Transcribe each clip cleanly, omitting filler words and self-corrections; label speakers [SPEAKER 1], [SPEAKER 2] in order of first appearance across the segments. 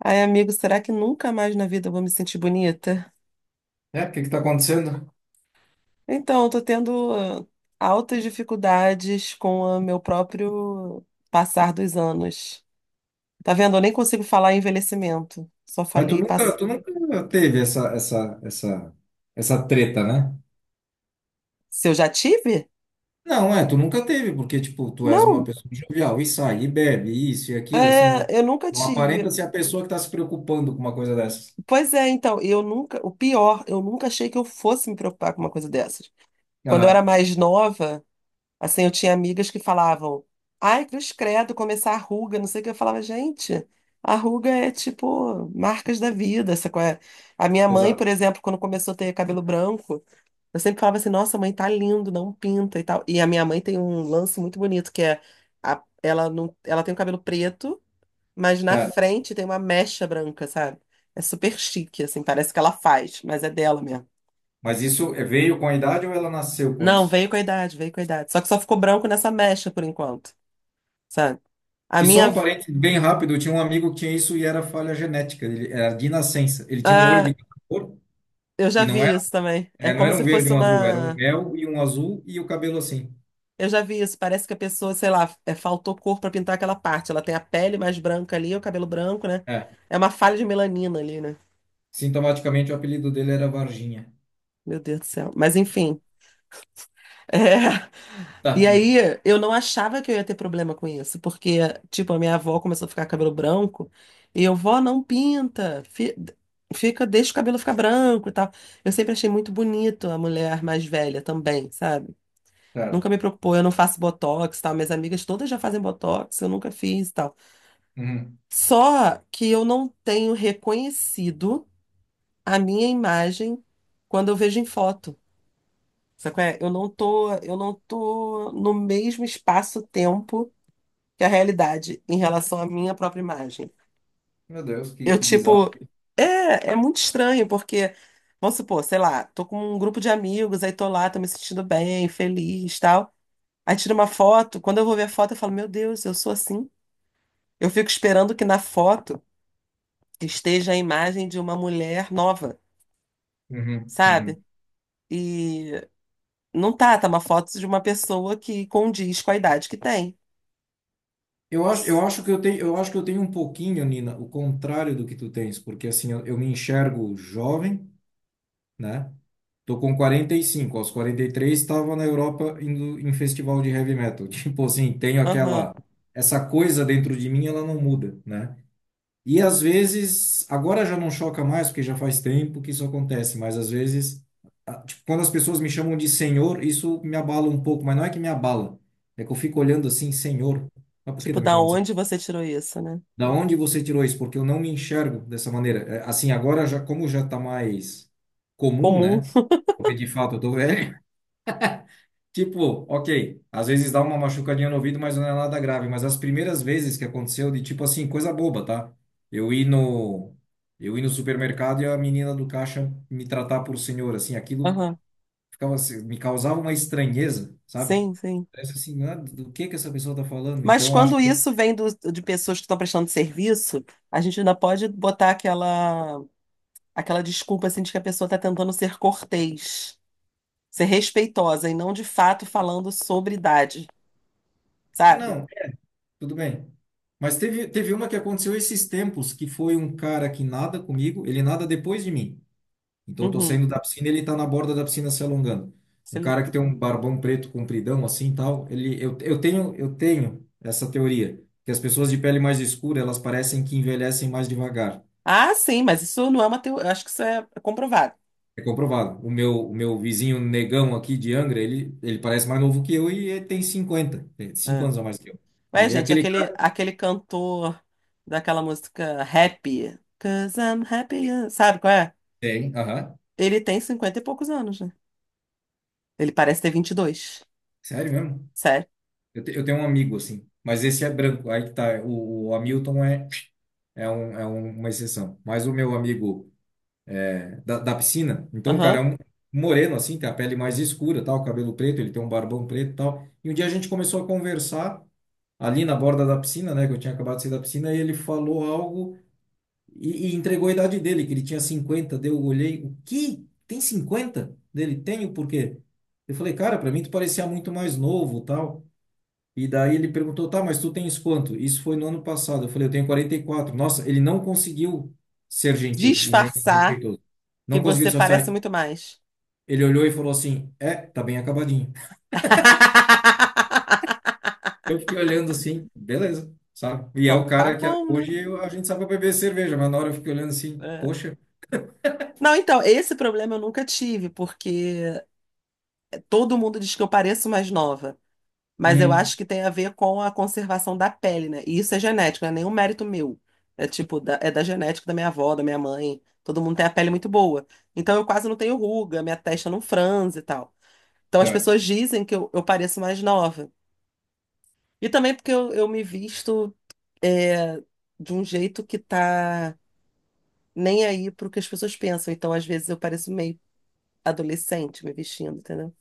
[SPEAKER 1] Ai, amigo, será que nunca mais na vida eu vou me sentir bonita?
[SPEAKER 2] É, o que que tá acontecendo?
[SPEAKER 1] Então, eu tô tendo altas dificuldades com o meu próprio passar dos anos. Tá vendo? Eu nem consigo falar em envelhecimento. Só
[SPEAKER 2] Mas
[SPEAKER 1] falei pass...
[SPEAKER 2] tu nunca teve essa treta, né?
[SPEAKER 1] se eu já tive?
[SPEAKER 2] Não, é, tu nunca teve, porque, tipo, tu és uma
[SPEAKER 1] Não,
[SPEAKER 2] pessoa jovial e sai, e bebe, e isso e aquilo, assim, não,
[SPEAKER 1] é, eu nunca
[SPEAKER 2] não aparenta
[SPEAKER 1] tive.
[SPEAKER 2] ser a pessoa que tá se preocupando com uma coisa dessas.
[SPEAKER 1] Pois é, então, eu nunca, o pior, eu nunca achei que eu fosse me preocupar com uma coisa dessas. Quando eu era
[SPEAKER 2] Aham,
[SPEAKER 1] mais nova, assim, eu tinha amigas que falavam, ai, cruz credo, começar a ruga, não sei o que. Eu falava, gente, a ruga é tipo marcas da vida, sacou? É? A minha mãe, por
[SPEAKER 2] exato,
[SPEAKER 1] exemplo, quando começou a ter cabelo branco, eu sempre falava assim, nossa, mãe, tá lindo, não pinta e tal. E a minha mãe tem um lance muito bonito, que é, ela, não, ela tem o cabelo preto, mas na
[SPEAKER 2] certo.
[SPEAKER 1] frente tem uma mecha branca, sabe? É super chique, assim, parece que ela faz, mas é dela mesmo.
[SPEAKER 2] Mas isso é- veio com a idade ou ela nasceu com
[SPEAKER 1] Não,
[SPEAKER 2] isso?
[SPEAKER 1] veio com a idade, veio com a idade. Só que só ficou branco nessa mecha por enquanto. Sabe? A
[SPEAKER 2] Que só
[SPEAKER 1] minha.
[SPEAKER 2] um parênteses bem rápido, eu tinha um amigo que tinha isso e era falha genética, ele era de nascença. Ele tinha um olho
[SPEAKER 1] Ah,
[SPEAKER 2] de cada cor
[SPEAKER 1] eu já
[SPEAKER 2] e não
[SPEAKER 1] vi
[SPEAKER 2] era,
[SPEAKER 1] isso também.
[SPEAKER 2] é,
[SPEAKER 1] É
[SPEAKER 2] não
[SPEAKER 1] como
[SPEAKER 2] era um
[SPEAKER 1] se
[SPEAKER 2] verde
[SPEAKER 1] fosse
[SPEAKER 2] e um azul, era um
[SPEAKER 1] uma.
[SPEAKER 2] mel e um azul e o cabelo assim.
[SPEAKER 1] Eu já vi isso. Parece que a pessoa, sei lá, é, faltou cor pra pintar aquela parte. Ela tem a pele mais branca ali, o cabelo branco, né?
[SPEAKER 2] É.
[SPEAKER 1] É uma falha de melanina ali, né?
[SPEAKER 2] Sintomaticamente, o apelido dele era Varginha.
[SPEAKER 1] Meu Deus do céu. Mas enfim. É. E
[SPEAKER 2] Tadinho.
[SPEAKER 1] aí, eu não achava que eu ia ter problema com isso, porque, tipo, a minha avó começou a ficar com cabelo branco e eu, vó, não pinta. Fica, deixa o cabelo ficar branco e tal. Eu sempre achei muito bonito a mulher mais velha também, sabe? Nunca
[SPEAKER 2] Certo.
[SPEAKER 1] me preocupou, eu não faço botox, tal. Minhas amigas todas já fazem botox, eu nunca fiz, tal.
[SPEAKER 2] Uhum.
[SPEAKER 1] Só que eu não tenho reconhecido a minha imagem quando eu vejo em foto. Sabe qual é? Eu não tô no mesmo espaço-tempo que a realidade em relação à minha própria imagem.
[SPEAKER 2] Meu Deus,
[SPEAKER 1] Eu,
[SPEAKER 2] que bizarro.
[SPEAKER 1] tipo, é muito estranho, porque, vamos supor, sei lá, tô com um grupo de amigos, aí tô lá, tô me sentindo bem, feliz, tal. Aí tiro uma foto, quando eu vou ver a foto, eu falo, meu Deus, eu sou assim? Eu fico esperando que na foto esteja a imagem de uma mulher nova,
[SPEAKER 2] Uhum,
[SPEAKER 1] sabe?
[SPEAKER 2] uhum.
[SPEAKER 1] E não tá, tá uma foto de uma pessoa que condiz com a idade que tem.
[SPEAKER 2] Eu acho, eu
[SPEAKER 1] S-
[SPEAKER 2] acho que eu tenho, eu acho que eu tenho um pouquinho, Nina, o contrário do que tu tens, porque assim, eu me enxergo jovem, né? Tô com 45, aos 43 estava na Europa indo em festival de heavy metal. Tipo assim, tenho
[SPEAKER 1] Aham.
[SPEAKER 2] aquela essa coisa dentro de mim, ela não muda, né? E às vezes, agora já não choca mais, porque já faz tempo que isso acontece, mas às vezes, tipo, quando as pessoas me chamam de senhor, isso me abala um pouco, mas não é que me abala, é que eu fico olhando assim, senhor, mas por que
[SPEAKER 1] Tipo,
[SPEAKER 2] tá me
[SPEAKER 1] da
[SPEAKER 2] chamando de senhor?
[SPEAKER 1] onde você tirou isso, né?
[SPEAKER 2] Da onde você tirou isso? Porque eu não me enxergo dessa maneira. É. Assim, agora já, como já tá mais comum,
[SPEAKER 1] Comum.
[SPEAKER 2] né? Porque de fato eu tô velho. Tipo, ok, às vezes dá uma machucadinha no ouvido, mas não é nada grave. Mas as primeiras vezes que aconteceu, de tipo assim, coisa boba, tá? Eu ir no, eu ir no supermercado e a menina do caixa me tratar por senhor, assim, aquilo
[SPEAKER 1] Aham.
[SPEAKER 2] ficava, assim, me causava uma estranheza, sabe?
[SPEAKER 1] Sim, sim.
[SPEAKER 2] Parece assim, ah, do que essa pessoa tá falando?
[SPEAKER 1] Mas
[SPEAKER 2] Então eu acho
[SPEAKER 1] quando
[SPEAKER 2] que,
[SPEAKER 1] isso vem de pessoas que estão prestando serviço, a gente ainda pode botar aquela, aquela desculpa assim, de que a pessoa está tentando ser cortês, ser respeitosa e não de fato falando sobre idade,
[SPEAKER 2] ah,
[SPEAKER 1] sabe?
[SPEAKER 2] não, tudo bem. Mas teve uma que aconteceu esses tempos, que foi um cara que nada comigo, ele nada depois de mim. Então eu tô
[SPEAKER 1] Uhum.
[SPEAKER 2] saindo da piscina e ele tá na borda da piscina se alongando. Um cara que
[SPEAKER 1] Excelente.
[SPEAKER 2] tem um barbão preto compridão assim e tal, ele eu, eu tenho essa teoria que as pessoas de pele mais escura, elas parecem que envelhecem mais devagar.
[SPEAKER 1] Ah, sim, mas isso não é uma teoria. Acho que isso é comprovado.
[SPEAKER 2] É comprovado. O meu vizinho negão aqui de Angra, ele parece mais novo que eu e ele tem cinquenta, tem 5
[SPEAKER 1] É.
[SPEAKER 2] anos a mais que eu,
[SPEAKER 1] Ué,
[SPEAKER 2] né? E
[SPEAKER 1] gente,
[SPEAKER 2] aquele cara
[SPEAKER 1] aquele cantor daquela música Happy, 'Cause I'm happy, sabe qual é?
[SPEAKER 2] tem, aham.
[SPEAKER 1] Ele tem 50 e poucos anos, né? Ele parece ter 22.
[SPEAKER 2] Sério mesmo?
[SPEAKER 1] Sério?
[SPEAKER 2] Eu, eu tenho um amigo assim, mas esse é branco. Aí que tá, o Hamilton é é, um, uma exceção. Mas o meu amigo da, da piscina. Então o cara é
[SPEAKER 1] Aham.
[SPEAKER 2] um moreno, assim, tem a pele mais escura, tal, cabelo preto, ele tem um barbão preto e tal. E um dia a gente começou a conversar ali na borda da piscina, né, que eu tinha acabado de sair da piscina, e ele falou algo e entregou a idade dele, que ele tinha 50. Daí eu olhei, o que? Tem 50? Dele, tenho, por quê? Eu falei, cara, pra mim tu parecia muito mais novo, tal. E daí ele perguntou, tá, mas tu tens quanto? Isso foi no ano passado. Eu falei, eu tenho 44. Nossa, ele não conseguiu ser gentil e nem
[SPEAKER 1] Disfarçar
[SPEAKER 2] respeitoso.
[SPEAKER 1] que
[SPEAKER 2] Não conseguiu
[SPEAKER 1] você
[SPEAKER 2] se
[SPEAKER 1] parece
[SPEAKER 2] mostrar.
[SPEAKER 1] muito mais.
[SPEAKER 2] Ele olhou e falou assim: É, tá bem acabadinho. Eu fiquei olhando assim, beleza, sabe? E é o
[SPEAKER 1] Então tá
[SPEAKER 2] cara que
[SPEAKER 1] bom, né?
[SPEAKER 2] a gente sabe pra beber cerveja, mas na hora eu fiquei olhando assim:
[SPEAKER 1] É.
[SPEAKER 2] Poxa,
[SPEAKER 1] Não, então, esse problema eu nunca tive, porque todo mundo diz que eu pareço mais nova. Mas eu
[SPEAKER 2] hum,
[SPEAKER 1] acho que tem a ver com a conservação da pele, né? E isso é genético, não é nenhum mérito meu. É tipo, é da genética da minha avó, da minha mãe. Todo mundo tem a pele muito boa. Então eu quase não tenho ruga, minha testa não franze e tal. Então as
[SPEAKER 2] certo.
[SPEAKER 1] pessoas dizem que eu pareço mais nova. E também porque eu me visto é, de um jeito que tá nem aí pro que as pessoas pensam. Então às vezes eu pareço meio adolescente me vestindo, entendeu?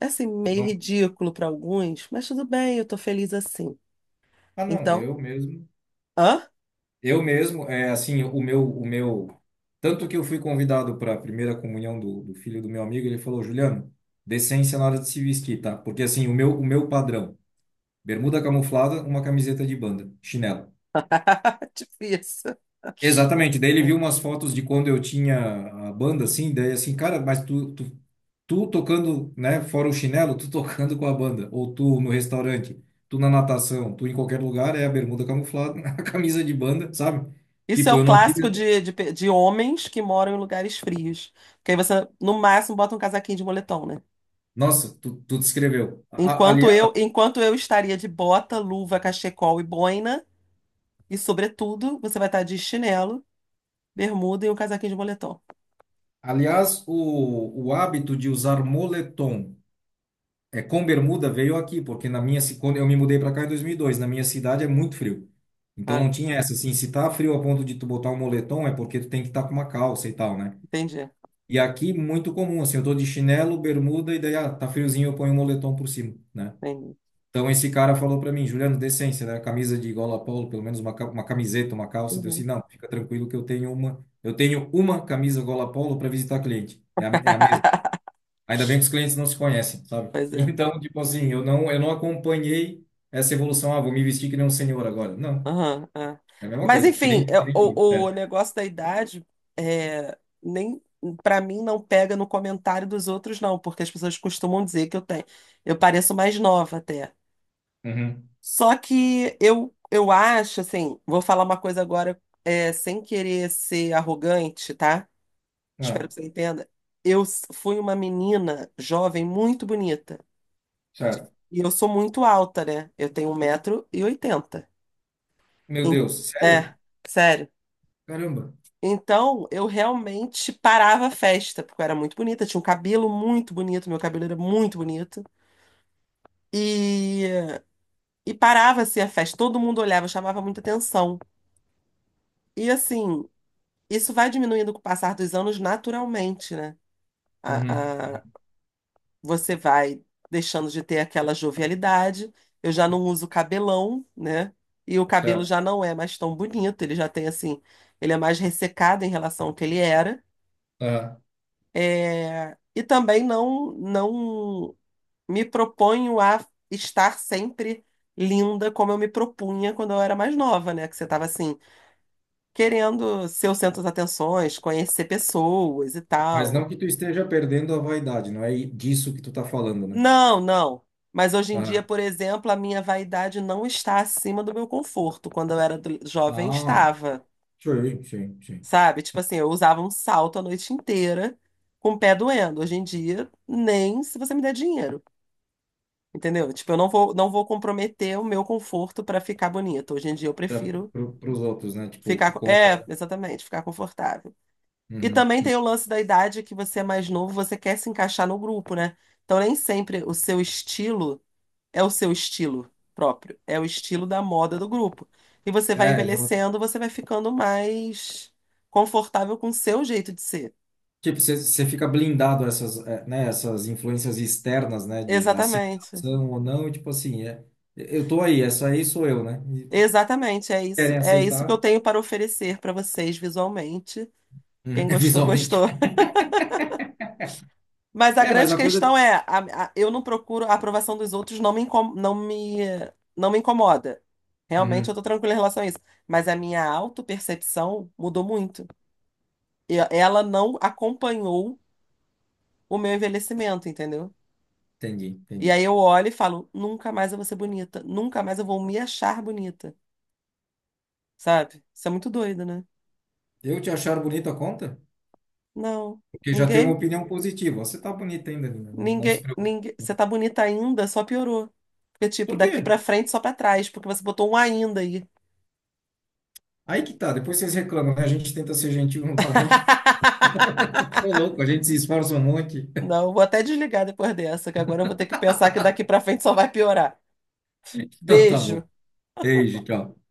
[SPEAKER 1] É assim,
[SPEAKER 2] Tu
[SPEAKER 1] meio
[SPEAKER 2] não-
[SPEAKER 1] ridículo para alguns, mas tudo bem, eu tô feliz assim.
[SPEAKER 2] Ah, não,
[SPEAKER 1] Então.
[SPEAKER 2] eu mesmo.
[SPEAKER 1] Hã?
[SPEAKER 2] Eu mesmo, é assim, o meu, o meu. Tanto que eu fui convidado para a primeira comunhão do, do filho do meu amigo, ele falou: Juliano, decência na hora de se vestir, tá? Porque assim, o meu padrão: bermuda camuflada, uma camiseta de banda, chinelo.
[SPEAKER 1] Difícil.
[SPEAKER 2] Exatamente, daí ele viu umas fotos de quando eu tinha a banda, assim, daí assim, cara, mas tu tocando, né, fora o chinelo, tu tocando com a banda, ou tu no restaurante, tu na natação, tu em qualquer lugar, é a bermuda camuflada, a camisa de banda, sabe?
[SPEAKER 1] Isso é
[SPEAKER 2] Tipo,
[SPEAKER 1] o
[SPEAKER 2] eu não
[SPEAKER 1] clássico
[SPEAKER 2] tive...
[SPEAKER 1] de homens que moram em lugares frios. Porque aí você, no máximo, bota um casaquinho de moletom, né?
[SPEAKER 2] Nossa, tu descreveu. Aliás,
[SPEAKER 1] Enquanto eu estaria de bota, luva, cachecol e boina, e sobretudo, você vai estar de chinelo, bermuda e um casaquinho de moletom.
[SPEAKER 2] aliás o hábito de usar moletom, é, com bermuda veio aqui, porque na minha, quando eu me mudei para cá em 2002, na minha cidade é muito frio. Então
[SPEAKER 1] Ah,
[SPEAKER 2] não tinha essa, assim, se tá frio a ponto de tu botar um moletom é porque tu tem que estar com uma calça e tal, né?
[SPEAKER 1] entendi,
[SPEAKER 2] E aqui muito comum, assim, eu tô de chinelo, bermuda e daí, ah, tá friozinho, eu ponho um moletom por cima, né?
[SPEAKER 1] entendi.
[SPEAKER 2] Então esse cara falou para mim, Juliano, decência, né? Camisa de gola polo, pelo menos uma, uma camiseta, uma calça. Eu disse,
[SPEAKER 1] Uhum.
[SPEAKER 2] não, fica tranquilo que eu tenho uma camisa gola polo para visitar cliente. É a, é a mesma. Ainda bem que os clientes não se conhecem, sabe?
[SPEAKER 1] Pois é.
[SPEAKER 2] Então, tipo assim, eu não acompanhei essa evolução. Ah, vou me vestir que nem um senhor agora. Não,
[SPEAKER 1] Aham, é.
[SPEAKER 2] é a mesma
[SPEAKER 1] Mas
[SPEAKER 2] coisa,
[SPEAKER 1] enfim, é,
[SPEAKER 2] que nem tu. É.
[SPEAKER 1] o negócio da idade é, nem para mim não pega no comentário dos outros, não, porque as pessoas costumam dizer que eu tenho, eu pareço mais nova até.
[SPEAKER 2] Uhum.
[SPEAKER 1] Só que eu acho, assim, vou falar uma coisa agora, é, sem querer ser arrogante, tá? Espero
[SPEAKER 2] Ah,
[SPEAKER 1] que você entenda. Fui uma menina jovem muito bonita. De-
[SPEAKER 2] certo.
[SPEAKER 1] E eu sou muito alta, né? Eu tenho um 1,80 m.
[SPEAKER 2] Meu Deus,
[SPEAKER 1] É,
[SPEAKER 2] sério?
[SPEAKER 1] sério.
[SPEAKER 2] Caramba.
[SPEAKER 1] Então, eu realmente parava a festa, porque eu era muito bonita, tinha um cabelo muito bonito, meu cabelo era muito bonito. E, e parava assim a festa, todo mundo olhava, chamava muita atenção. E assim, isso vai diminuindo com o passar dos anos naturalmente, né?
[SPEAKER 2] Uhum.
[SPEAKER 1] A, a- você vai deixando de ter aquela jovialidade. Eu já não uso cabelão, né? E o cabelo
[SPEAKER 2] Certo.
[SPEAKER 1] já não é mais tão bonito, ele já tem assim, ele é mais ressecado em relação ao que ele era.
[SPEAKER 2] Ah,
[SPEAKER 1] É, e também não me proponho a estar sempre linda como eu me propunha quando eu era mais nova, né? Que você estava assim, querendo ser o centro das atenções, conhecer pessoas e
[SPEAKER 2] mas
[SPEAKER 1] tal.
[SPEAKER 2] não que tu esteja perdendo a vaidade, não é disso que tu tá falando, né?
[SPEAKER 1] Não, não. Mas hoje em dia,
[SPEAKER 2] Ah,
[SPEAKER 1] por exemplo, a minha vaidade não está acima do meu conforto. Quando eu era jovem,
[SPEAKER 2] ah,
[SPEAKER 1] estava,
[SPEAKER 2] sim, sim, sim.
[SPEAKER 1] sabe? Tipo assim, eu usava um salto a noite inteira com o pé doendo. Hoje em dia, nem se você me der dinheiro. Entendeu? Tipo, eu não vou, não vou comprometer o meu conforto pra ficar bonito. Hoje em dia eu
[SPEAKER 2] Para
[SPEAKER 1] prefiro
[SPEAKER 2] os outros, né? Tipo, o
[SPEAKER 1] ficar.
[SPEAKER 2] que conta.
[SPEAKER 1] É, exatamente, ficar confortável. E também
[SPEAKER 2] Uhum.
[SPEAKER 1] tem o lance da idade que você é mais novo, você quer se encaixar no grupo, né? Então nem sempre o seu estilo é o seu estilo próprio, é o estilo da moda do grupo. E você vai
[SPEAKER 2] É, exato.
[SPEAKER 1] envelhecendo, você vai ficando mais confortável com o seu jeito de ser.
[SPEAKER 2] Tipo, você fica blindado a essas, né, essas influências externas, né, de
[SPEAKER 1] Exatamente.
[SPEAKER 2] aceitação ou não, e tipo assim, é, eu tô aí, essa aí sou eu, né? E
[SPEAKER 1] Exatamente,
[SPEAKER 2] querem
[SPEAKER 1] é isso que eu
[SPEAKER 2] aceitar,
[SPEAKER 1] tenho para oferecer para vocês visualmente.
[SPEAKER 2] uhum,
[SPEAKER 1] Quem gostou,
[SPEAKER 2] visualmente.
[SPEAKER 1] gostou. Mas a
[SPEAKER 2] É, mas
[SPEAKER 1] grande
[SPEAKER 2] a coisa.
[SPEAKER 1] questão é, eu não procuro a aprovação dos outros, não me incomoda. Realmente eu
[SPEAKER 2] Uhum,
[SPEAKER 1] tô tranquila em relação a isso. Mas a minha autopercepção mudou muito. E ela não acompanhou o meu envelhecimento, entendeu?
[SPEAKER 2] entendi,
[SPEAKER 1] E aí
[SPEAKER 2] entendi.
[SPEAKER 1] eu olho e falo, nunca mais eu vou ser bonita, nunca mais eu vou me achar bonita, sabe? Isso é muito doido, né?
[SPEAKER 2] Eu te achar bonita a conta?
[SPEAKER 1] Não,
[SPEAKER 2] Porque já tenho uma
[SPEAKER 1] ninguém,
[SPEAKER 2] opinião positiva. Você tá bonita ainda, Nina, não, não se
[SPEAKER 1] ninguém,
[SPEAKER 2] preocupe.
[SPEAKER 1] ninguém, você tá bonita ainda, só piorou. Porque, tipo,
[SPEAKER 2] Por quê?
[SPEAKER 1] daqui pra frente, só pra trás, porque você botou um ainda aí.
[SPEAKER 2] Aí que tá, depois vocês reclamam, né? A gente tenta ser gentil, não tá bom? Tô louco, a gente se esforça um monte.
[SPEAKER 1] Não, vou até desligar depois dessa, que agora eu vou ter que pensar que daqui pra frente só vai piorar.
[SPEAKER 2] Então tá
[SPEAKER 1] Beijo.
[SPEAKER 2] bom. Beijo, tchau.